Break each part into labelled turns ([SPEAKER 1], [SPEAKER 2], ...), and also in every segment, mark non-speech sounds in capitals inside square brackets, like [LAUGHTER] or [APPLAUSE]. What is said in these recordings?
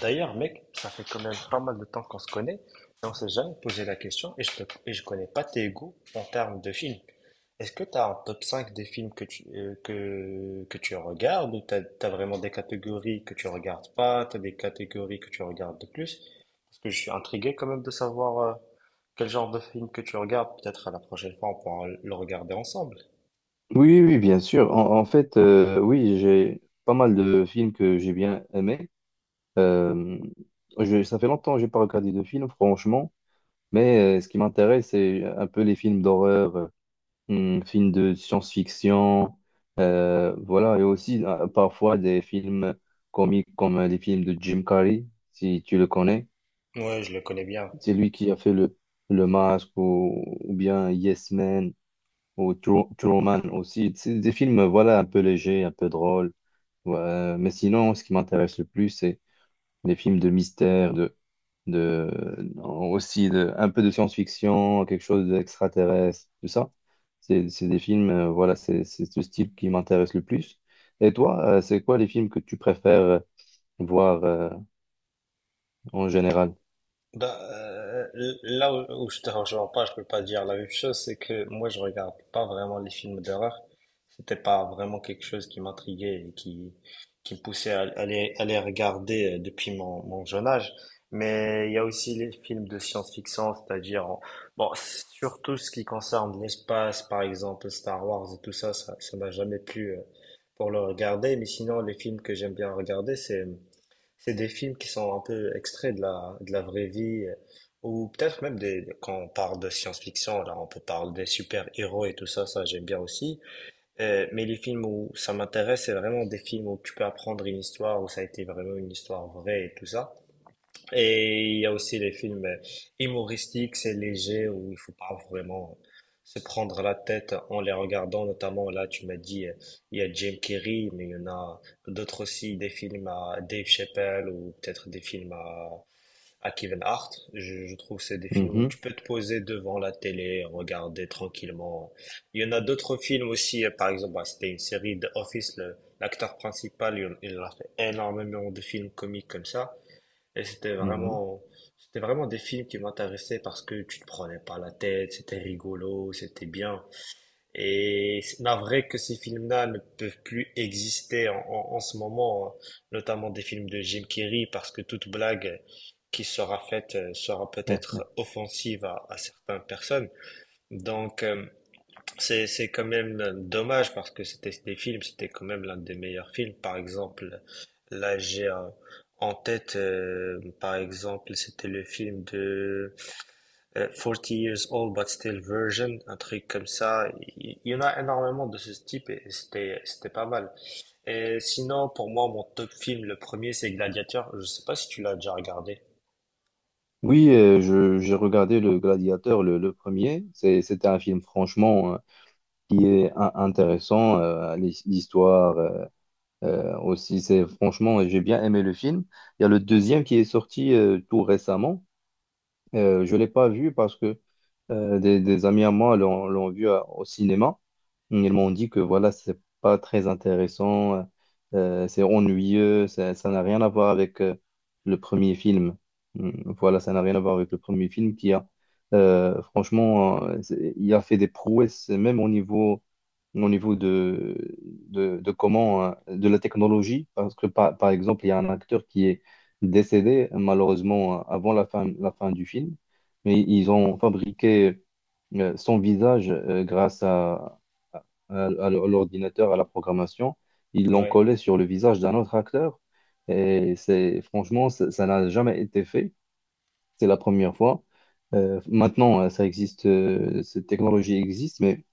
[SPEAKER 1] D'ailleurs mec, ça fait quand même pas mal de temps qu'on se connaît et on s'est jamais posé la question et je connais pas tes goûts en termes de films. Est-ce que tu as un top 5 des films que tu, que tu regardes ou tu as, vraiment des catégories que tu regardes pas, tu as des catégories que tu regardes de plus? Parce que je suis intrigué quand même de savoir quel genre de film que tu regardes. Peut-être à la prochaine fois on pourra le regarder ensemble.
[SPEAKER 2] Oui, oui, oui, bien sûr. En fait, oui, j'ai pas mal de films que j'ai bien aimés. Euh, Ça fait longtemps que j'ai pas regardé de films, franchement. Mais ce qui m'intéresse, c'est un peu les films d'horreur, films de science-fiction, voilà, et aussi parfois des films comiques comme les films de Jim Carrey, si tu le connais.
[SPEAKER 1] Ouais, je le connais bien.
[SPEAKER 2] C'est lui qui a fait le Masque ou bien Yes Man ou Truman aussi. C'est des films, voilà, un peu légers, un peu drôles. Ouais, mais sinon, ce qui m'intéresse le plus, c'est les films de mystère, de, aussi de, un peu de science-fiction, quelque chose d'extraterrestre, tout ça. C'est des films, voilà, c'est ce style qui m'intéresse le plus. Et toi, c'est quoi les films que tu préfères voir en général?
[SPEAKER 1] Bah, euh, où je te rejoins pas, je peux pas dire la même chose, c'est que moi je regarde pas vraiment les films d'horreur. C'était pas vraiment quelque chose qui m'intriguait et qui me poussait à, à les regarder depuis mon jeune âge. Mais il y a aussi les films de science-fiction, bon surtout ce qui concerne l'espace, par exemple Star Wars et tout ça, ça m'a jamais plu pour le regarder. Mais sinon les films que j'aime bien regarder, c'est des films qui sont un peu extraits de de la vraie vie, ou peut-être même quand on parle de science-fiction, là, on peut parler des super-héros et tout ça, ça j'aime bien aussi. Mais les films où ça m'intéresse, c'est vraiment des films où tu peux apprendre une histoire, où ça a été vraiment une histoire vraie et tout ça. Et il y a aussi les films humoristiques, c'est léger, où il faut pas vraiment se prendre la tête en les regardant. Notamment, là, tu m'as dit, il y a Jim Carrey, mais il y en a d'autres aussi, des films à Dave Chappelle ou peut-être des films à Kevin Hart. Je trouve que c'est des films où
[SPEAKER 2] Mhm,
[SPEAKER 1] tu peux te poser devant la télé, regarder tranquillement. Il y en a d'autres films aussi, par exemple, bah, c'était une série de Office, l'acteur principal, il a fait énormément de films comiques comme ça. Et c'était
[SPEAKER 2] mhm.
[SPEAKER 1] vraiment, c'était vraiment des films qui m'intéressaient parce que tu te prenais pas la tête, c'était rigolo, c'était bien. Et c'est navré que ces films-là ne peuvent plus exister en ce moment, hein. Notamment des films de Jim Carrey, parce que toute blague qui sera faite sera
[SPEAKER 2] Ouais.
[SPEAKER 1] peut-être offensive à certaines personnes. Donc, euh, c'est quand même dommage parce que c'était des films, c'était quand même l'un des meilleurs films. Par exemple, là j'ai un- en tête, par exemple, c'était le film de 40 Years Old But Still Virgin, un truc comme ça. Il y en a énormément de ce type et c'était pas mal. Et sinon, pour moi, mon top film, le premier, c'est Gladiator. Je sais pas si tu l'as déjà regardé.
[SPEAKER 2] Oui, j'ai regardé Le Gladiateur, le premier. C'était un film franchement qui est intéressant. L'histoire, aussi, c'est franchement, j'ai bien aimé le film. Il y a le deuxième qui est sorti tout récemment. Je ne l'ai pas vu parce que des amis à moi l'ont vu au cinéma. Ils m'ont dit que voilà, c'est pas très intéressant, c'est ennuyeux, ça n'a rien à voir avec le premier film. Mm, voilà, ça n'a rien à voir avec le premier film qui, il a fait des prouesses, même au niveau de comment, de la technologie, parce que par exemple, il y a un acteur qui est décédé malheureusement avant la fin du film, mais ils ont fabriqué son visage grâce à l'ordinateur, à la programmation. Ils l'ont
[SPEAKER 1] Ouais.
[SPEAKER 2] collé sur le visage d'un autre acteur et c'est franchement, ça n'a jamais été fait. C'est la première fois. Maintenant, ça existe, cette technologie existe, mais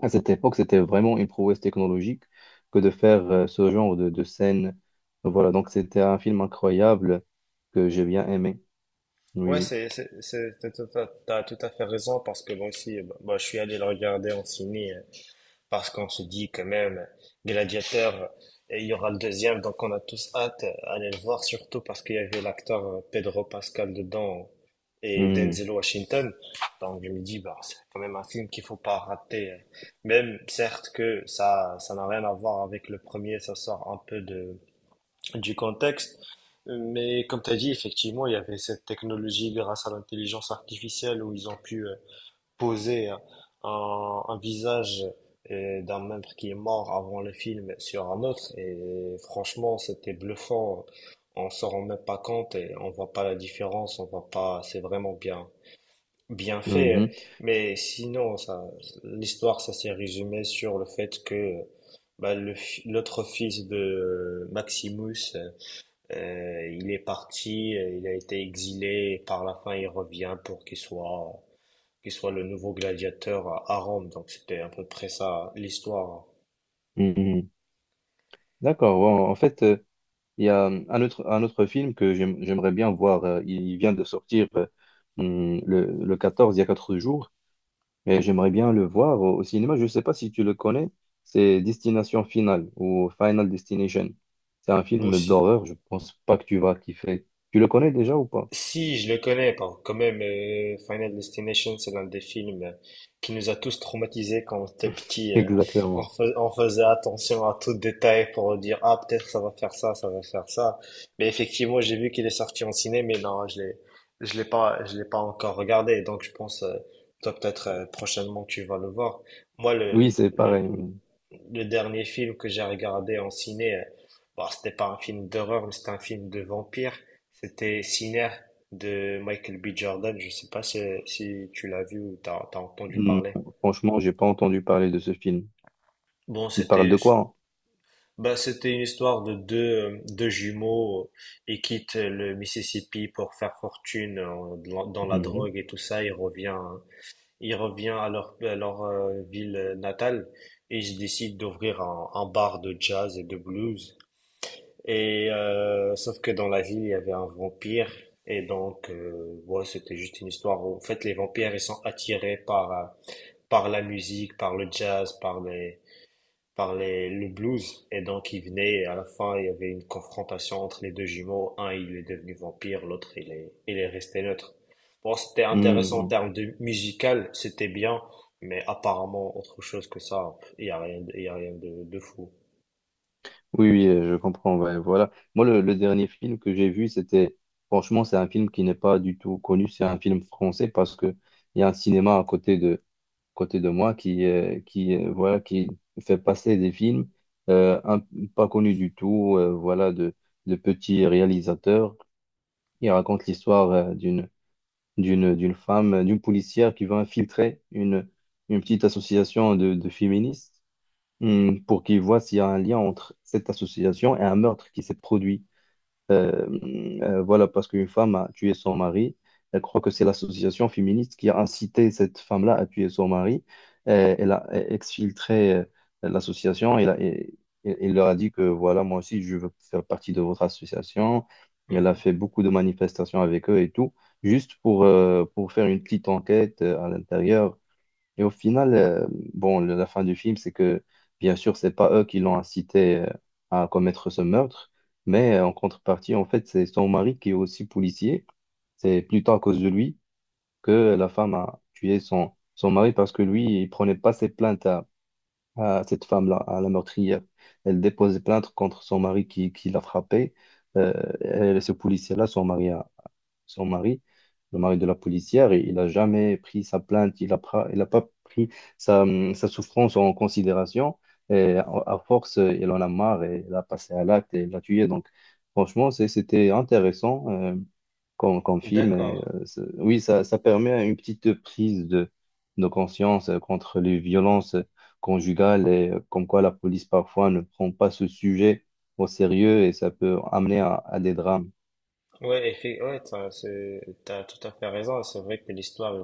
[SPEAKER 2] à cette époque, c'était vraiment une prouesse technologique que de faire ce genre de scène. Voilà, donc c'était un film incroyable que j'ai bien aimé. Oui,
[SPEAKER 1] T'as tout à fait raison parce que moi aussi, je suis allé le regarder en ciné. Parce qu'on se dit quand même Gladiateur et il y aura le deuxième donc on a tous hâte d'aller le voir surtout parce qu'il y avait l'acteur Pedro Pascal dedans et
[SPEAKER 2] oui.
[SPEAKER 1] Denzel Washington, donc je me dis bah c'est quand même un film qu'il faut pas rater, même certes que ça n'a rien à voir avec le premier, ça sort un peu de du contexte, mais comme tu as dit effectivement il y avait cette technologie grâce à l'intelligence artificielle où ils ont pu poser un visage d'un membre qui est mort avant le film sur un autre. Et franchement, c'était bluffant. On s'en rend même pas compte et on voit pas la différence. On voit pas. C'est vraiment bien, bien
[SPEAKER 2] Mm,
[SPEAKER 1] fait.
[SPEAKER 2] mhm,
[SPEAKER 1] Mais sinon, ça, l'histoire, ça s'est résumé sur le fait que bah, l'autre fils de Maximus, il est parti, il a été exilé. Et par la fin, il revient pour qu'il soit qui soit le nouveau gladiateur à Rome, donc c'était à peu près ça l'histoire
[SPEAKER 2] mhm. D'accord. Bon, en fait, il y a un autre film que j'aimerais bien voir. Euh, il vient de sortir le 14 il y a 4 jours. Mais j'aimerais bien le voir au, au cinéma. Je ne sais pas si tu le connais. C'est Destination Finale ou Final Destination. C'est un film
[SPEAKER 1] aussi.
[SPEAKER 2] d'horreur. Je pense pas que tu vas kiffer. Tu le connais déjà ou pas?
[SPEAKER 1] Si, je le connais, bon, quand même, Final Destination, c'est l'un des films qui nous a tous traumatisés quand on était
[SPEAKER 2] [LAUGHS]
[SPEAKER 1] petit.
[SPEAKER 2] Exactement.
[SPEAKER 1] On faisait attention à tout détail pour dire, ah, peut-être ça va faire ça, ça va faire ça. Mais effectivement, j'ai vu qu'il est sorti en ciné, mais non, je l'ai pas encore regardé. Donc, je pense, toi, peut-être, prochainement, tu vas le voir. Moi,
[SPEAKER 2] Oui, c'est pareil. Oui.
[SPEAKER 1] le dernier film que j'ai regardé en ciné, bon, c'était pas un film d'horreur, mais c'était un film de vampire. C'était Sinner de Michael B. Jordan. Je sais pas si, si tu l'as vu ou t'as entendu
[SPEAKER 2] Mm.
[SPEAKER 1] parler.
[SPEAKER 2] Franchement, j'ai pas entendu parler de ce film.
[SPEAKER 1] Bon,
[SPEAKER 2] Il parle
[SPEAKER 1] c'était,
[SPEAKER 2] de quoi?
[SPEAKER 1] bah, c'était une histoire de deux jumeaux et quittent le Mississippi pour faire fortune dans la
[SPEAKER 2] Mhm.
[SPEAKER 1] drogue et tout ça. Il revient à à leur ville natale et ils décident d'ouvrir un bar de jazz et de blues. Et sauf que dans la ville, il y avait un vampire. Et donc, ouais, c'était juste une histoire où, en fait, les vampires, ils sont attirés par la musique, par le jazz, le blues. Et donc, ils venaient, et à la fin, il y avait une confrontation entre les deux jumeaux. Un, il est devenu vampire, l'autre, il est resté neutre. Bon, c'était intéressant en
[SPEAKER 2] Mhm.
[SPEAKER 1] termes de musical, c'était bien, mais apparemment, autre chose que ça, il y a rien, il y a rien de, de fou.
[SPEAKER 2] Oui, oui, je comprends. Ouais, voilà. Moi, le dernier film que j'ai vu, c'était, franchement, c'est un film qui n'est pas du tout connu. C'est un film français parce que il y a un cinéma à côté côté de moi qui, voilà, qui fait passer des films euh, un- pas connus du tout, de petits réalisateurs. Il raconte l'histoire d'une femme, d'une policière qui veut infiltrer une petite association de féministes, pour qu'ils voient s'il y a un lien entre cette association et un meurtre qui s'est produit. Euh, voilà, parce qu'une femme a tué son mari. Elle croit que c'est l'association féministe qui a incité cette femme-là à tuer son mari. Elle a exfiltré l'association. Elle leur a dit que voilà, moi aussi, je veux faire partie de votre association. Elle a
[SPEAKER 1] Mhm.
[SPEAKER 2] fait beaucoup de manifestations avec eux et tout, juste pour faire une petite enquête à l'intérieur. Et au final, bon, la fin du film, c'est que, bien sûr, c'est pas eux qui l'ont incité à commettre ce meurtre, mais en contrepartie, en fait, c'est son mari qui est aussi policier. C'est plutôt à cause de lui que la femme a tué son, son mari parce que lui, il prenait pas ses plaintes à cette femme-là, à la meurtrière. Elle déposait plainte contre son mari qui l'a frappé. Euh, et ce policier-là, son mari, le mari de la policière, et il n'a jamais pris sa plainte, il a pas pris sa, sa souffrance en considération. Et à force, il en a marre et il a passé à l'acte et il l'a tué. Donc, franchement, c'était intéressant comme, comme film.
[SPEAKER 1] D'accord.
[SPEAKER 2] Et, oui, ça permet une petite prise de conscience contre les violences conjugales et comme quoi la police parfois ne prend pas ce sujet au sérieux et ça peut amener à des drames.
[SPEAKER 1] Ouais, t'as tout à fait raison. C'est vrai que l'histoire,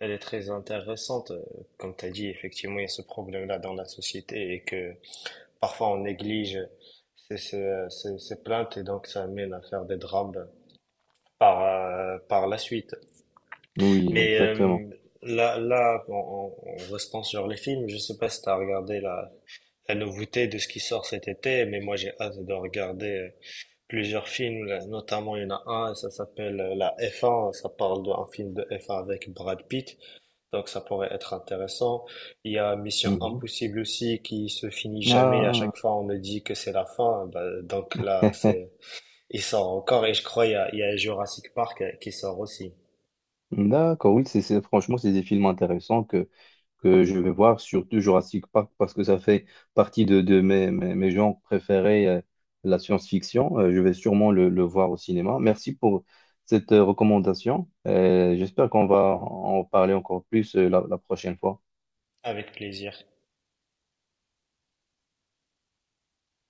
[SPEAKER 1] elle est très intéressante. Comme tu as dit, effectivement, il y a ce problème-là dans la société et que parfois on néglige ces plaintes et donc ça amène à faire des drames par, par la suite.
[SPEAKER 2] Oui,
[SPEAKER 1] Mais
[SPEAKER 2] exactement.
[SPEAKER 1] euh, en restant sur les films, je sais pas si tu as regardé la nouveauté de ce qui sort cet été, mais moi j'ai hâte de regarder plusieurs films, là, notamment il y en a un, ça s'appelle La F1, ça parle d'un film de F1 avec Brad Pitt. Donc ça pourrait être intéressant. Il y a Mission
[SPEAKER 2] Mhm.
[SPEAKER 1] Impossible aussi qui se finit jamais. À
[SPEAKER 2] Ah,
[SPEAKER 1] chaque fois, on me dit que c'est la fin. Bah, donc là,
[SPEAKER 2] [LAUGHS]
[SPEAKER 1] c'est il sort encore et je crois il y a Jurassic Park qui sort aussi.
[SPEAKER 2] d'accord, oui, c'est- franchement, c'est des films intéressants que je vais voir, surtout Jurassic Park, parce que ça fait partie de mes genres préférés, la science-fiction. Je vais sûrement le voir au cinéma. Merci pour cette recommandation. J'espère qu'on va en parler encore plus, la prochaine fois.
[SPEAKER 1] Avec plaisir.